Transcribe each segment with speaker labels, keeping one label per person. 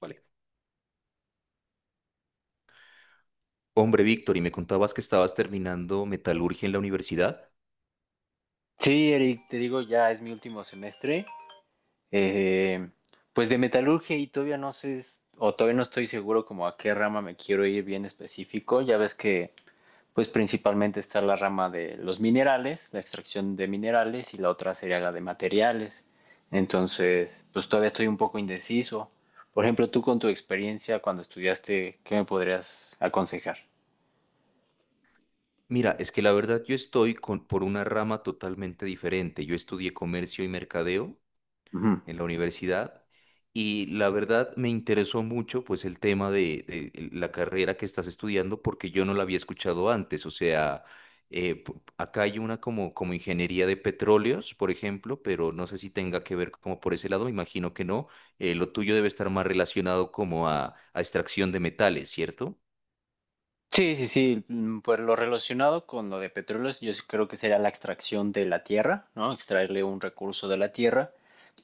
Speaker 1: Vale. Hombre, Víctor, y me contabas que estabas terminando metalurgia en la universidad.
Speaker 2: Sí, Eric, te digo, ya es mi último semestre. eh, pues de metalurgia y todavía no sé, o todavía no estoy seguro como a qué rama me quiero ir bien específico. Ya ves que, pues principalmente está la rama de los minerales, la extracción de minerales, y la otra sería la de materiales. Entonces, pues todavía estoy un poco indeciso. Por ejemplo, tú con tu experiencia cuando estudiaste, ¿qué me podrías aconsejar?
Speaker 1: Mira, es que la verdad yo estoy por una rama totalmente diferente. Yo estudié comercio y mercadeo
Speaker 2: Ujú.
Speaker 1: en la universidad y la verdad me interesó mucho pues el tema de la carrera que estás estudiando porque yo no la había escuchado antes, o sea, acá hay una como ingeniería de petróleos, por ejemplo, pero no sé si tenga que ver como por ese lado, me imagino que no, lo tuyo debe estar más relacionado como a extracción de metales, ¿cierto?
Speaker 2: Sí, sí, sí, mm, pues lo relacionado con lo de petróleos, yo sí creo que sería la extracción de la tierra, ¿no? Extraerle un recurso de la tierra,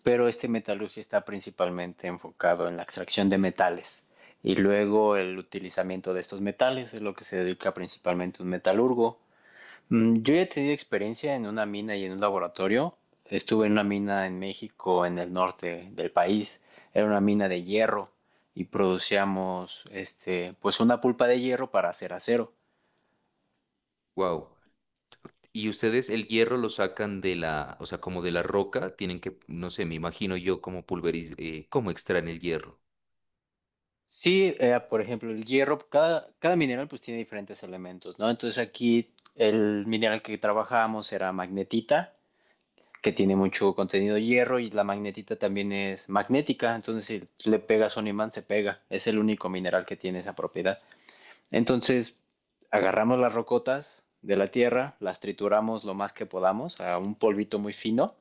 Speaker 2: pero este metalurgia está principalmente enfocado en la extracción de metales y luego el utilizamiento de estos metales es lo que se dedica principalmente un metalurgo. Mm, yo ya he tenido experiencia en una mina y en un laboratorio. Estuve en una mina en México, en el norte del país. Era una mina de hierro y producíamos este, pues una pulpa de hierro para hacer acero.
Speaker 1: Wow. Y ustedes el hierro lo sacan de la, o sea, como de la roca, tienen que, no sé, me imagino yo como pulverizar, ¿cómo extraen el hierro?
Speaker 2: Sí, por ejemplo, el hierro, cada mineral pues tiene diferentes elementos, ¿no? Entonces aquí el mineral que trabajábamos era magnetita, que tiene mucho contenido hierro y la magnetita también es magnética, entonces si le pegas un imán se pega, es el único mineral que tiene esa propiedad. Entonces, agarramos las rocotas de la tierra, las trituramos lo más que podamos a un polvito muy fino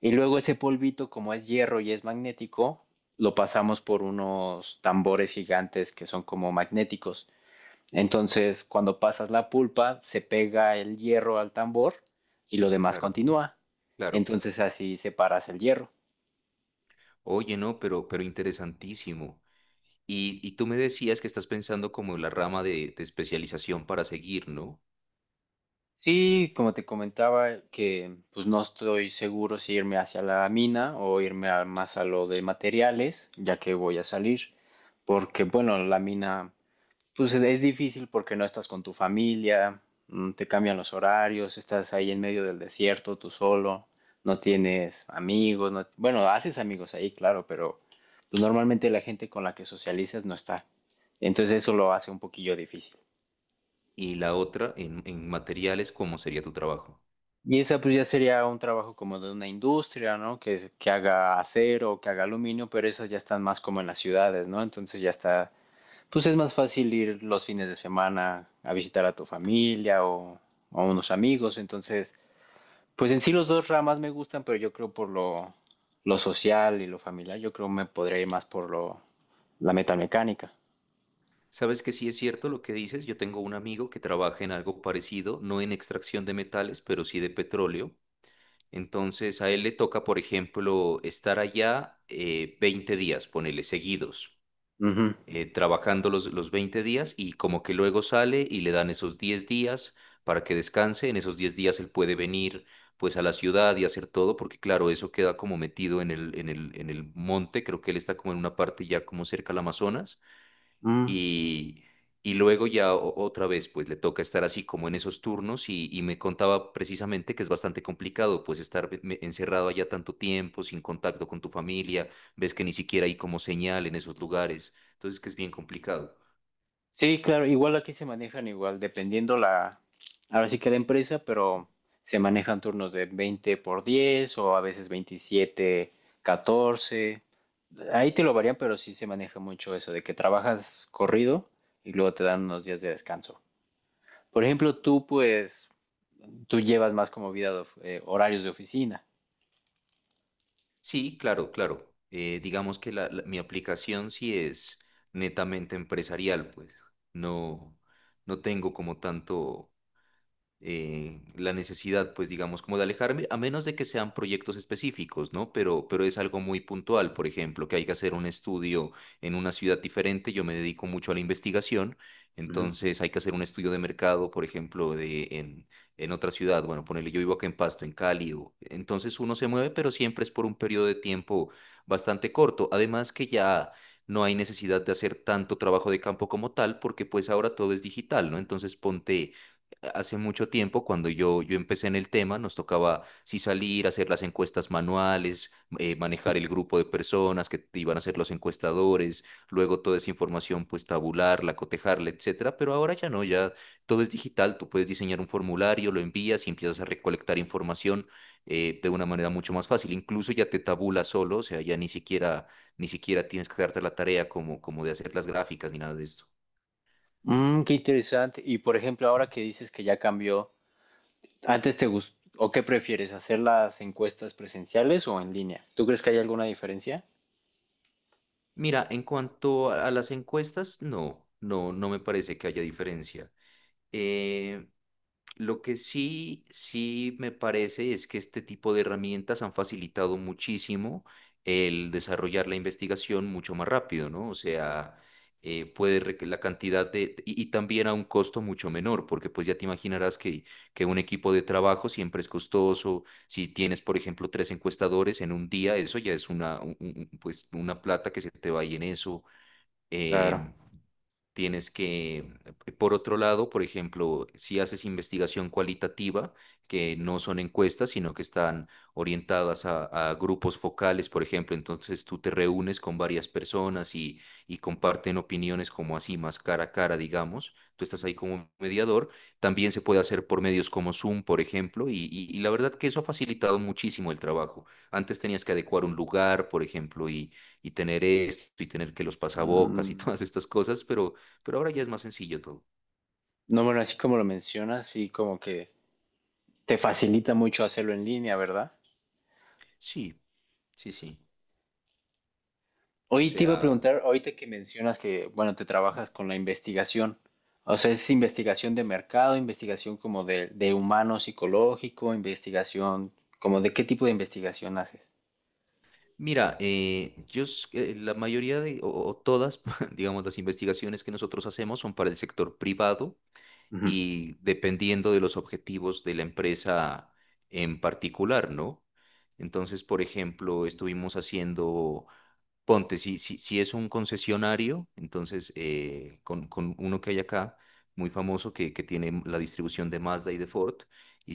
Speaker 2: y luego ese polvito, como es hierro y es magnético, lo pasamos por unos tambores gigantes que son como magnéticos. Entonces, cuando pasas la pulpa, se pega el hierro al tambor y lo demás
Speaker 1: Claro.
Speaker 2: continúa.
Speaker 1: Claro.
Speaker 2: Entonces así separas el hierro.
Speaker 1: Oye, no, pero interesantísimo. Y tú me decías que estás pensando como en la rama de especialización para seguir, ¿no?
Speaker 2: Sí, como te comentaba, que pues no estoy seguro si irme hacia la mina o más a lo de materiales, ya que voy a salir, porque bueno, la mina pues es difícil porque no estás con tu familia, mm, te cambian los horarios, estás ahí en medio del desierto tú solo, no tienes amigos, bueno, haces amigos ahí, claro, pero pues normalmente la gente con la que socializas no está. Entonces eso lo hace un poquillo difícil.
Speaker 1: Y la otra en materiales, ¿cómo sería tu trabajo?
Speaker 2: Y esa pues ya sería un trabajo como de una industria, ¿no? Que haga acero o que haga aluminio, pero esas ya están más como en las ciudades, ¿no? Entonces ya está, pues es más fácil ir los fines de semana a visitar a tu familia o a unos amigos. Entonces, pues en sí los dos ramas me gustan, pero yo creo por lo social y lo familiar, yo creo me podría ir más por lo, la metalmecánica.
Speaker 1: Sabes que sí es cierto lo que dices. Yo tengo un amigo que trabaja en algo parecido, no en extracción de metales, pero sí de petróleo. Entonces a él le toca, por ejemplo, estar allá 20 días, ponele, seguidos.
Speaker 2: Ujú.
Speaker 1: Trabajando los 20 días y como que luego sale y le dan esos 10 días para que descanse. En esos 10 días él puede venir pues a la ciudad y hacer todo, porque claro, eso queda como metido en el monte. Creo que él está como en una parte ya como cerca al Amazonas.
Speaker 2: Mm.
Speaker 1: Y, y luego ya otra vez, pues le toca estar así como en esos turnos y me contaba precisamente que es bastante complicado, pues estar encerrado allá tanto tiempo, sin contacto con tu familia, ves que ni siquiera hay como señal en esos lugares, entonces que es bien complicado.
Speaker 2: Sí, claro, igual aquí se manejan igual, dependiendo la, ahora sí que la empresa, pero se manejan turnos de 20 por 10 o a veces 27, 14. Ahí te lo varían, pero sí se maneja mucho eso, de que trabajas corrido y luego te dan unos días de descanso. Por ejemplo, tú pues, tú llevas más como vida, de horarios de oficina.
Speaker 1: Sí, claro, claro. Digamos que mi aplicación sí es netamente empresarial, pues no, no tengo como tanto la necesidad, pues digamos, como de alejarme, a menos de que sean proyectos específicos, ¿no? Pero es algo muy puntual, por ejemplo, que hay que hacer un estudio en una ciudad diferente. Yo me dedico mucho a la investigación,
Speaker 2: Ujú.
Speaker 1: entonces hay que hacer un estudio de mercado, por ejemplo, en otra ciudad, bueno, ponele, yo vivo acá en Pasto, en Cali, entonces uno se mueve, pero siempre es por un periodo de tiempo bastante corto, además que ya. No hay necesidad de hacer tanto trabajo de campo como tal, porque pues ahora todo es digital, ¿no? Entonces ponte, hace mucho tiempo, cuando yo empecé en el tema, nos tocaba sí salir, hacer las encuestas manuales, manejar el grupo de personas que te iban a ser los encuestadores. Luego toda esa información pues tabularla, cotejarla, etcétera, pero ahora ya no, ya todo es digital. Tú puedes diseñar un formulario, lo envías y empiezas a recolectar información de una manera mucho más fácil. Incluso ya te tabula solo, o sea, ya ni siquiera tienes que darte la tarea como de hacer las gráficas ni nada de esto.
Speaker 2: Mm, qué interesante. Y por ejemplo, ahora que dices que ya cambió, ¿antes te gustó, o qué prefieres, hacer las encuestas presenciales o en línea? ¿Tú crees que hay alguna diferencia?
Speaker 1: Mira, en cuanto a las encuestas, no, no, no me parece que haya diferencia. Eh, lo que sí, sí me parece es que este tipo de herramientas han facilitado muchísimo el desarrollar la investigación mucho más rápido, ¿no? O sea, la cantidad de, y también a un costo mucho menor, porque pues ya te imaginarás que, un equipo de trabajo siempre es costoso. Si tienes, por ejemplo, tres encuestadores en un día, eso ya es pues, una plata que se te va ahí en eso.
Speaker 2: Claro.
Speaker 1: em, Tienes que, por otro lado, por ejemplo, si haces investigación cualitativa, que no son encuestas, sino que están orientadas a grupos focales, por ejemplo. Entonces tú te reúnes con varias personas y comparten opiniones como así, más cara a cara, digamos. Tú estás ahí como mediador, también se puede hacer por medios como Zoom, por ejemplo, y, y la verdad que eso ha facilitado muchísimo el trabajo. Antes tenías que adecuar un lugar, por ejemplo, y tener esto, y tener que los pasabocas y
Speaker 2: Mm.
Speaker 1: todas estas cosas, pero. Pero ahora ya es más sencillo todo.
Speaker 2: No, bueno, así como lo mencionas, sí como que te facilita mucho hacerlo en línea, ¿verdad?
Speaker 1: Sí, sí, sí. O
Speaker 2: Hoy te iba a
Speaker 1: sea,
Speaker 2: preguntar, ahorita que mencionas que, bueno, te trabajas con la investigación, o sea, es investigación de mercado, investigación como de humano psicológico, investigación, como de qué tipo de investigación haces.
Speaker 1: mira, la mayoría de, o todas, digamos, las investigaciones que nosotros hacemos son para el sector privado
Speaker 2: Ujú,
Speaker 1: y dependiendo de los objetivos de la empresa en particular, ¿no? Entonces, por ejemplo, estuvimos haciendo. Ponte, si es un concesionario, entonces con, uno que hay acá, muy famoso, que tiene la distribución de Mazda y de Ford,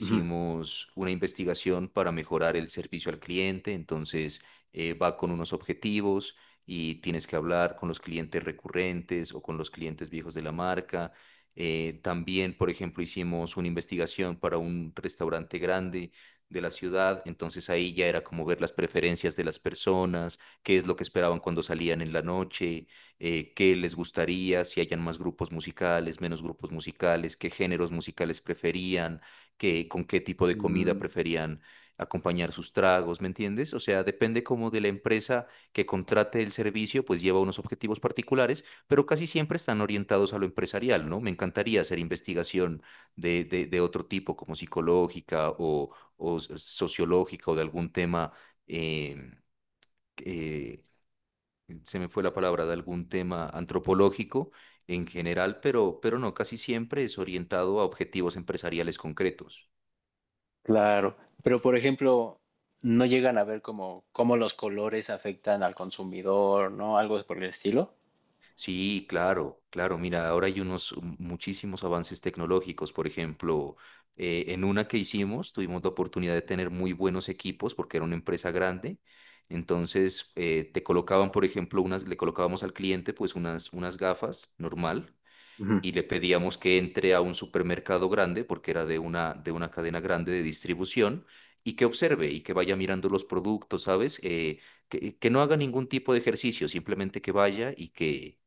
Speaker 2: ujú.
Speaker 1: una investigación para mejorar el servicio al cliente. Entonces va con unos objetivos y tienes que hablar con los clientes recurrentes o con los clientes viejos de la marca. También, por ejemplo, hicimos una investigación para un restaurante grande de la ciudad. Entonces ahí ya era como ver las preferencias de las personas, qué es lo que esperaban cuando salían en la noche, qué les gustaría, si hayan más grupos musicales, menos grupos musicales, qué géneros musicales preferían, con qué tipo de comida
Speaker 2: Mm.
Speaker 1: preferían acompañar sus tragos, ¿me entiendes? O sea, depende como de la empresa que contrate el servicio, pues lleva unos objetivos particulares, pero casi siempre están orientados a lo empresarial, ¿no? Me encantaría hacer investigación de otro tipo, como psicológica o sociológica o de algún tema. eh, eh, se me fue la palabra, de algún tema antropológico en general, pero, no, casi siempre es orientado a objetivos empresariales concretos.
Speaker 2: Claro, pero por ejemplo, no llegan a ver como cómo los colores afectan al consumidor, ¿no? Algo por el estilo.
Speaker 1: Sí, claro, claro. Mira, ahora hay unos muchísimos avances tecnológicos. Por ejemplo, en una que hicimos, tuvimos la oportunidad de tener muy buenos equipos porque era una empresa grande. Entonces, te colocaban, por ejemplo, le colocábamos al cliente pues unas, gafas normal
Speaker 2: Ujú.
Speaker 1: y le pedíamos que entre a un supermercado grande, porque era de una cadena grande de distribución, y que observe y que vaya mirando los productos, ¿sabes? Que no haga ningún tipo de ejercicio, simplemente que vaya y que,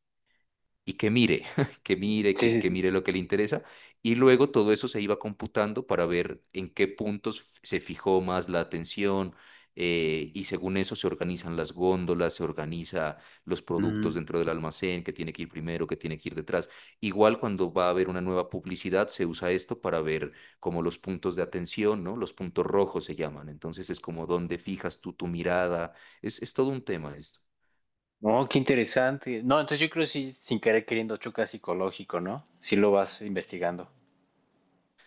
Speaker 1: y que mire, que mire,
Speaker 2: Sí,
Speaker 1: que,
Speaker 2: sí,
Speaker 1: que
Speaker 2: sí.
Speaker 1: mire lo que le interesa. Y luego todo eso se iba computando para ver en qué puntos se fijó más la atención. Y según eso se organizan las góndolas, se organiza los productos
Speaker 2: Mm.
Speaker 1: dentro del almacén, que tiene que ir primero, que tiene que ir detrás. Igual cuando va a haber una nueva publicidad, se usa esto para ver como los puntos de atención, ¿no? Los puntos rojos se llaman. Entonces es como donde fijas tú tu mirada. Es todo un tema esto.
Speaker 2: No, qué interesante. No, entonces yo creo que sí, sin querer queriendo choca psicológico, ¿no? Si lo vas investigando.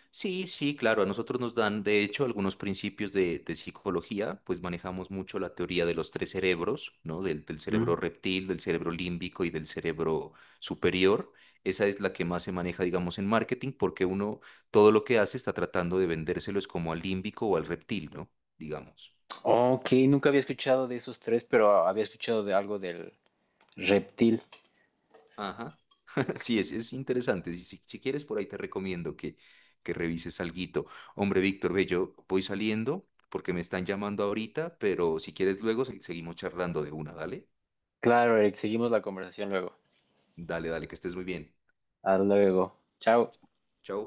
Speaker 1: Sí, sí, claro, a nosotros nos dan, de hecho, algunos principios de psicología. Pues manejamos mucho la teoría de los tres cerebros, ¿no? Del
Speaker 2: Mm.
Speaker 1: cerebro reptil, del cerebro límbico y del cerebro superior. Esa es la que más se maneja, digamos, en marketing, porque uno todo lo que hace está tratando de vendérselo es como al límbico o al reptil, ¿no? Digamos.
Speaker 2: Ok, nunca había escuchado de esos tres, pero había escuchado de algo del reptil.
Speaker 1: Ajá. Sí, es interesante. Si quieres, por ahí te recomiendo que, revises alguito. Hombre, Víctor, ve, yo voy saliendo porque me están llamando ahorita, pero si quieres luego seguimos charlando de una, dale.
Speaker 2: Claro, Eric, seguimos la conversación luego.
Speaker 1: Dale, dale, que estés muy bien.
Speaker 2: Hasta luego. Chao.
Speaker 1: Chao.